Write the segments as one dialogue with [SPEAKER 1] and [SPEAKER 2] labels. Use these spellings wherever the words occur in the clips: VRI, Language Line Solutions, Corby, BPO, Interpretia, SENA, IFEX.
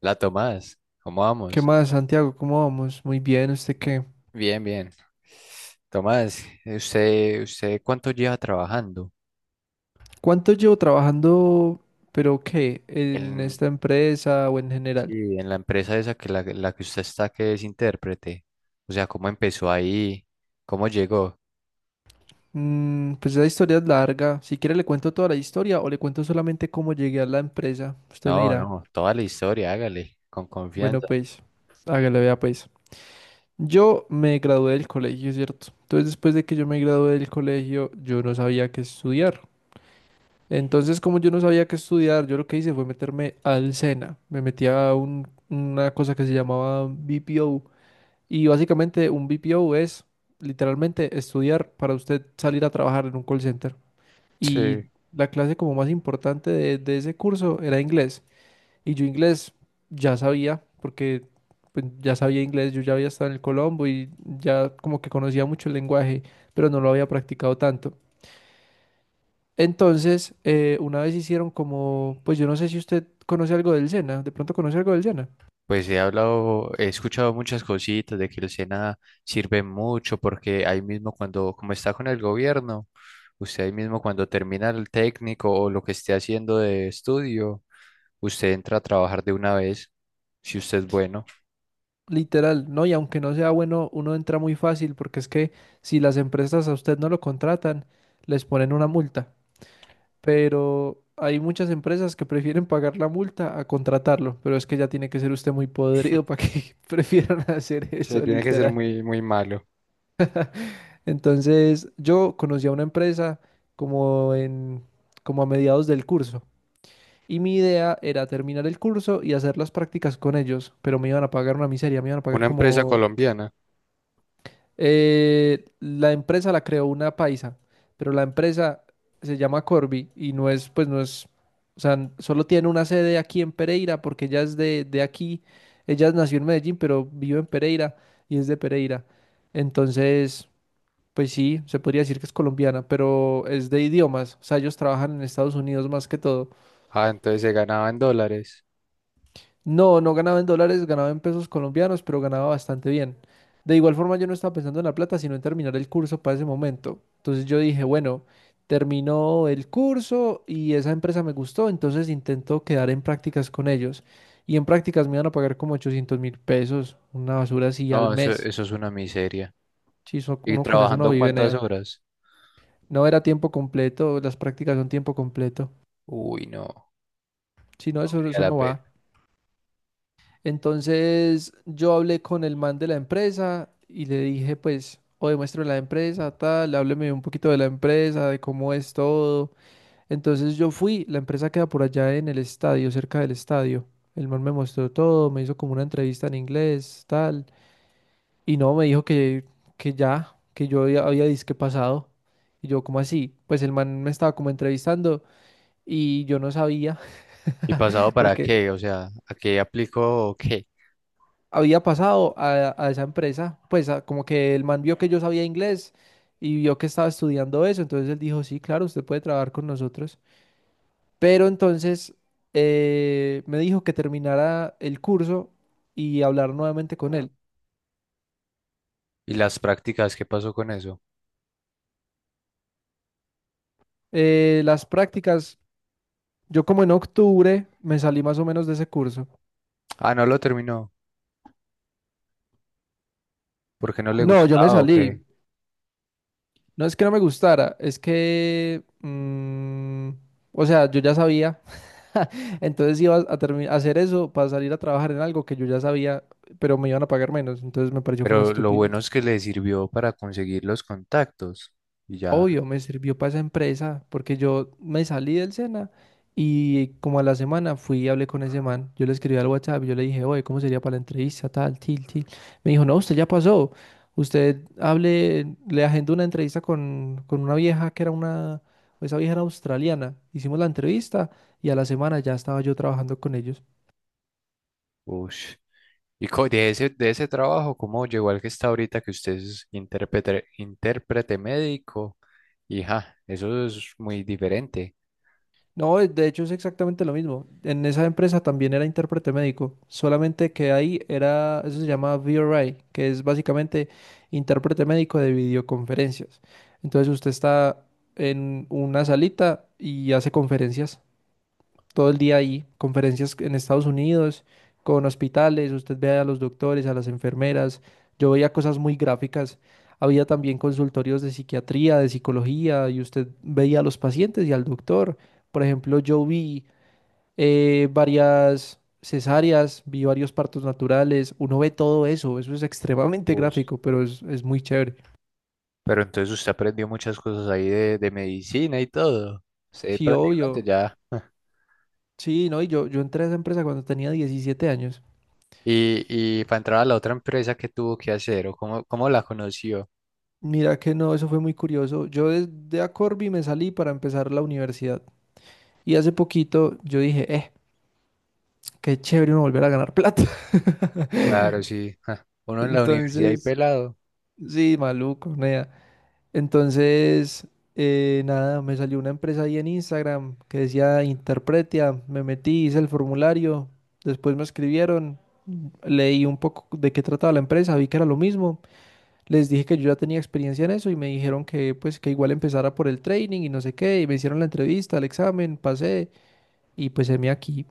[SPEAKER 1] La Tomás, ¿cómo
[SPEAKER 2] ¿Qué
[SPEAKER 1] vamos?
[SPEAKER 2] más, Santiago? ¿Cómo vamos? Muy bien, ¿usted qué?
[SPEAKER 1] Bien, bien. Tomás, ¿usted cuánto lleva trabajando
[SPEAKER 2] ¿Cuánto llevo trabajando, pero qué, en
[SPEAKER 1] en,
[SPEAKER 2] esta empresa o en general?
[SPEAKER 1] sí, en la empresa esa que la que usted está, ¿que es intérprete? O sea, ¿cómo empezó ahí? ¿Cómo llegó?
[SPEAKER 2] Pues esa historia es larga. Si quiere le cuento toda la historia o le cuento solamente cómo llegué a la empresa. Usted me
[SPEAKER 1] No,
[SPEAKER 2] dirá,
[SPEAKER 1] no, toda la historia, hágale, con
[SPEAKER 2] bueno,
[SPEAKER 1] confianza.
[SPEAKER 2] pues, hágale, vea, pues. Yo me gradué del colegio, ¿cierto? Entonces, después de que yo me gradué del colegio, yo no sabía qué estudiar. Entonces, como yo no sabía qué estudiar, yo lo que hice fue meterme al SENA. Me metí a una cosa que se llamaba BPO. Y básicamente un BPO es literalmente estudiar para usted salir a trabajar en un call center. Y
[SPEAKER 1] Sí,
[SPEAKER 2] la clase como más importante de ese curso era inglés. Y yo inglés ya sabía, porque pues, ya sabía inglés, yo ya había estado en el Colombo y ya como que conocía mucho el lenguaje, pero no lo había practicado tanto. Entonces, una vez hicieron como, pues yo no sé si usted conoce algo del Sena, de pronto conoce algo del Sena.
[SPEAKER 1] pues he hablado, he escuchado muchas cositas de que el SENA sirve mucho porque ahí mismo cuando, como está con el gobierno, usted ahí mismo cuando termina el técnico o lo que esté haciendo de estudio, usted entra a trabajar de una vez, si usted es bueno.
[SPEAKER 2] Literal, ¿no? Y aunque no sea bueno, uno entra muy fácil porque es que si las empresas a usted no lo contratan, les ponen una multa. Pero hay muchas empresas que prefieren pagar la multa a contratarlo, pero es que ya tiene que ser usted muy podrido para que prefieran hacer
[SPEAKER 1] Sí,
[SPEAKER 2] eso,
[SPEAKER 1] tiene que ser
[SPEAKER 2] literal.
[SPEAKER 1] muy, muy malo.
[SPEAKER 2] Entonces, yo conocí a una empresa como en, como a mediados del curso. Y mi idea era terminar el curso y hacer las prácticas con ellos, pero me iban a pagar una miseria, me iban a pagar
[SPEAKER 1] Una empresa
[SPEAKER 2] como…
[SPEAKER 1] colombiana,
[SPEAKER 2] la empresa la creó una paisa, pero la empresa se llama Corby y no es, pues no es, o sea, solo tiene una sede aquí en Pereira porque ella es de aquí, ella nació en Medellín, pero vive en Pereira y es de Pereira. Entonces, pues sí, se podría decir que es colombiana, pero es de idiomas, o sea, ellos trabajan en Estados Unidos más que todo.
[SPEAKER 1] ah, ¿entonces se ganaba en dólares?
[SPEAKER 2] No, no ganaba en dólares, ganaba en pesos colombianos, pero ganaba bastante bien. De igual forma, yo no estaba pensando en la plata, sino en terminar el curso para ese momento. Entonces yo dije, bueno, terminó el curso y esa empresa me gustó, entonces intento quedar en prácticas con ellos. Y en prácticas me iban a pagar como $800.000, una basura así al
[SPEAKER 1] No, eso,
[SPEAKER 2] mes.
[SPEAKER 1] eso es una miseria.
[SPEAKER 2] Si
[SPEAKER 1] ¿Y
[SPEAKER 2] uno con eso no
[SPEAKER 1] trabajando
[SPEAKER 2] vive,
[SPEAKER 1] cuántas
[SPEAKER 2] nea.
[SPEAKER 1] horas?
[SPEAKER 2] No era tiempo completo, las prácticas son tiempo completo.
[SPEAKER 1] Uy, no,
[SPEAKER 2] Si no,
[SPEAKER 1] valía
[SPEAKER 2] eso
[SPEAKER 1] la
[SPEAKER 2] no
[SPEAKER 1] pena.
[SPEAKER 2] va. Entonces yo hablé con el man de la empresa y le dije, pues, o demuestro la empresa, tal, hábleme un poquito de la empresa, de cómo es todo. Entonces yo fui, la empresa queda por allá en el estadio, cerca del estadio. El man me mostró todo, me hizo como una entrevista en inglés, tal, y no, me dijo que ya, que yo había disque pasado. Y yo, ¿cómo así? Pues el man me estaba como entrevistando y yo no sabía,
[SPEAKER 1] ¿Y pasado para
[SPEAKER 2] porque
[SPEAKER 1] qué? O sea, ¿a qué aplico o qué?
[SPEAKER 2] había pasado a esa empresa, pues como que el man vio que yo sabía inglés y vio que estaba estudiando eso, entonces él dijo, sí, claro, usted puede trabajar con nosotros, pero entonces me dijo que terminara el curso y hablar nuevamente con él.
[SPEAKER 1] ¿Y las prácticas, qué pasó con eso?
[SPEAKER 2] Las prácticas, yo como en octubre me salí más o menos de ese curso.
[SPEAKER 1] Ah, no lo terminó, ¿porque no le
[SPEAKER 2] No, yo me
[SPEAKER 1] gustaba o
[SPEAKER 2] salí.
[SPEAKER 1] qué?
[SPEAKER 2] No es que no me gustara, es que, o sea, yo ya sabía. Entonces iba a, a hacer eso para salir a trabajar en algo que yo ya sabía, pero me iban a pagar menos. Entonces me pareció como
[SPEAKER 1] Pero lo
[SPEAKER 2] estupidez.
[SPEAKER 1] bueno es que le sirvió para conseguir los contactos. Y ya,
[SPEAKER 2] Obvio, me sirvió para esa empresa porque yo me salí del SENA y como a la semana fui y hablé con ese man. Yo le escribí al WhatsApp yo le dije, oye, ¿cómo sería para la entrevista? Tal, til, til. Me dijo, no, usted ya pasó. Usted hable, le agendó una entrevista con una vieja que era una, esa vieja era australiana. Hicimos la entrevista y a la semana ya estaba yo trabajando con ellos.
[SPEAKER 1] uff. Y de ese trabajo, ¿cómo llegó al que está ahorita, que usted es intérprete médico? Y ja, eso es muy diferente.
[SPEAKER 2] No, de hecho es exactamente lo mismo. En esa empresa también era intérprete médico, solamente que ahí era, eso se llama VRI, que es básicamente intérprete médico de videoconferencias. Entonces usted está en una salita y hace conferencias todo el día ahí, conferencias en Estados Unidos, con hospitales, usted ve a los doctores, a las enfermeras, yo veía cosas muy gráficas, había también consultorios de psiquiatría, de psicología, y usted veía a los pacientes y al doctor. Por ejemplo, yo vi varias cesáreas, vi varios partos naturales, uno ve todo eso, eso es extremadamente
[SPEAKER 1] Ush.
[SPEAKER 2] gráfico, pero es muy chévere.
[SPEAKER 1] Pero entonces usted aprendió muchas cosas ahí de medicina y todo. Usted
[SPEAKER 2] Sí,
[SPEAKER 1] prácticamente
[SPEAKER 2] obvio.
[SPEAKER 1] ya.
[SPEAKER 2] Sí, no, yo entré a esa empresa cuando tenía 17 años.
[SPEAKER 1] Y, y para entrar a la otra empresa, ¿qué tuvo que hacer o cómo, cómo la conoció?
[SPEAKER 2] Mira que no, eso fue muy curioso. Yo de Acorbi me salí para empezar la universidad. Y hace poquito yo dije, qué chévere uno volver a ganar plata.
[SPEAKER 1] Claro, sí, ja. Uno en la universidad y
[SPEAKER 2] Entonces,
[SPEAKER 1] pelado,
[SPEAKER 2] sí, maluco, nea. Entonces, nada, me salió una empresa ahí en Instagram que decía Interpretia. Me metí, hice el formulario. Después me escribieron, leí un poco de qué trataba la empresa, vi que era lo mismo. Les dije que yo ya tenía experiencia en eso y me dijeron que pues que igual empezara por el training y no sé qué, y me hicieron la entrevista, el examen, pasé y pues heme aquí.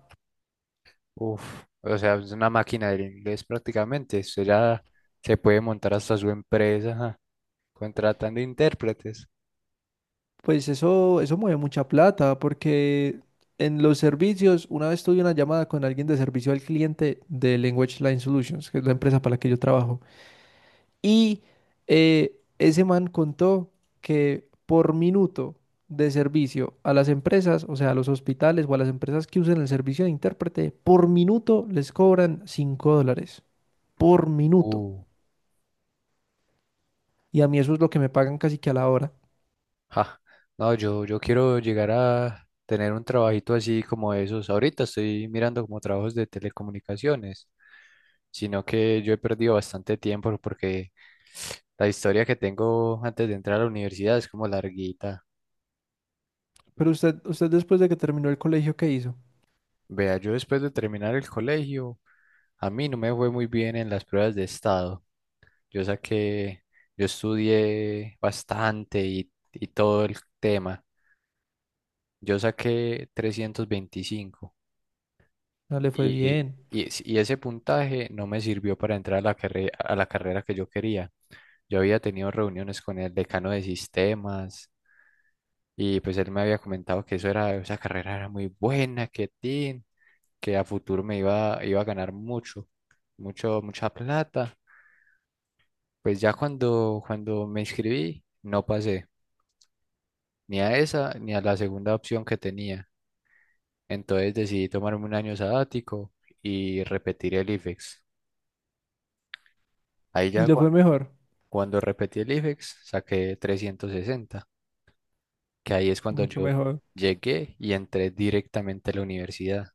[SPEAKER 1] uf, o sea, es una máquina del inglés prácticamente. Usted ya se puede montar hasta su empresa, ja, contratando intérpretes.
[SPEAKER 2] Pues eso mueve mucha plata porque en los servicios, una vez tuve una llamada con alguien de servicio al cliente de Language Line Solutions, que es la empresa para la que yo trabajo. Y ese man contó que por minuto de servicio a las empresas, o sea, a los hospitales o a las empresas que usen el servicio de intérprete, por minuto les cobran 5 dólares. Por minuto.
[SPEAKER 1] Uh,
[SPEAKER 2] Y a mí eso es lo que me pagan casi que a la hora.
[SPEAKER 1] ja, no, yo quiero llegar a tener un trabajito así como esos. Ahorita estoy mirando como trabajos de telecomunicaciones, sino que yo he perdido bastante tiempo porque la historia que tengo antes de entrar a la universidad es como larguita.
[SPEAKER 2] Pero usted después de que terminó el colegio, ¿qué hizo?
[SPEAKER 1] Vea, yo después de terminar el colegio. A mí no me fue muy bien en las pruebas de estado. Yo saqué, yo estudié bastante y todo el tema. Yo saqué 325
[SPEAKER 2] No le fue bien.
[SPEAKER 1] y ese puntaje no me sirvió para entrar a la carrera que yo quería. Yo había tenido reuniones con el decano de sistemas y pues él me había comentado que eso era, esa carrera era muy buena, que tin, que a futuro me iba a ganar mucho, mucha plata. Pues ya cuando me inscribí, no pasé ni a esa ni a la segunda opción que tenía. Entonces decidí tomarme un año sabático y repetir el IFEX. Ahí
[SPEAKER 2] Y
[SPEAKER 1] ya
[SPEAKER 2] le
[SPEAKER 1] cu-
[SPEAKER 2] fue mejor.
[SPEAKER 1] Cuando repetí el IFEX saqué 360, que ahí es cuando
[SPEAKER 2] Mucho
[SPEAKER 1] yo
[SPEAKER 2] mejor.
[SPEAKER 1] llegué y entré directamente a la universidad.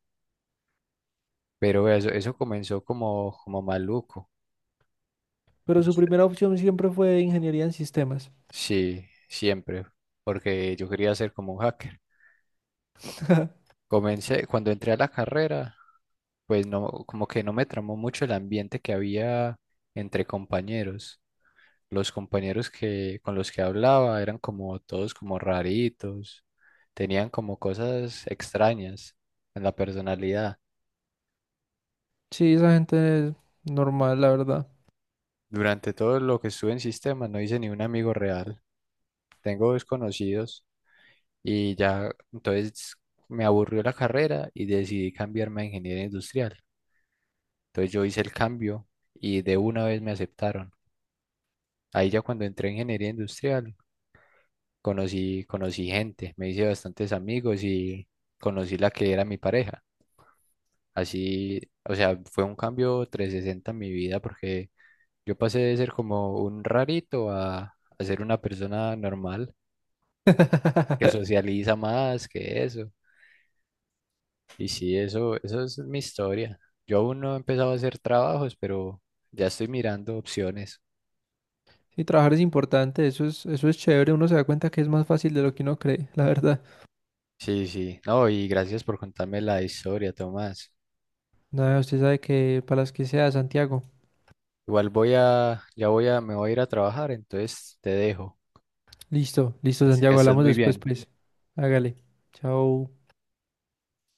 [SPEAKER 1] Pero eso comenzó como maluco.
[SPEAKER 2] Pero su
[SPEAKER 1] Los...
[SPEAKER 2] primera opción siempre fue ingeniería en sistemas.
[SPEAKER 1] Sí, siempre, porque yo quería ser como un hacker. Comencé, cuando entré a la carrera, pues no, como que no me tramó mucho el ambiente que había entre compañeros. Los compañeros que con los que hablaba eran como todos como raritos, tenían como cosas extrañas en la personalidad.
[SPEAKER 2] Sí, esa gente es normal, la verdad.
[SPEAKER 1] Durante todo lo que estuve en sistema no hice ni un amigo real. Tengo desconocidos y ya, entonces me aburrió la carrera y decidí cambiarme a ingeniería industrial. Entonces yo hice el cambio y de una vez me aceptaron. Ahí ya cuando entré en ingeniería industrial conocí gente, me hice bastantes amigos y conocí la que era mi pareja. Así, o sea, fue un cambio 360 en mi vida porque yo pasé de ser como un rarito a ser una persona normal, que socializa más que eso. Y sí, eso es mi historia. Yo aún no he empezado a hacer trabajos, pero ya estoy mirando opciones.
[SPEAKER 2] Sí, trabajar es importante, eso es chévere, uno se da cuenta que es más fácil de lo que uno cree, la verdad.
[SPEAKER 1] Sí, sí. No, y gracias por contarme la historia, Tomás.
[SPEAKER 2] Nada, usted sabe que para las que sea, Santiago.
[SPEAKER 1] Igual voy a, ya voy a, me voy a ir a trabajar, entonces te dejo.
[SPEAKER 2] Listo, listo,
[SPEAKER 1] Es... Que
[SPEAKER 2] Santiago,
[SPEAKER 1] estés
[SPEAKER 2] hablamos
[SPEAKER 1] muy
[SPEAKER 2] después,
[SPEAKER 1] bien.
[SPEAKER 2] pues. Hágale. Chao.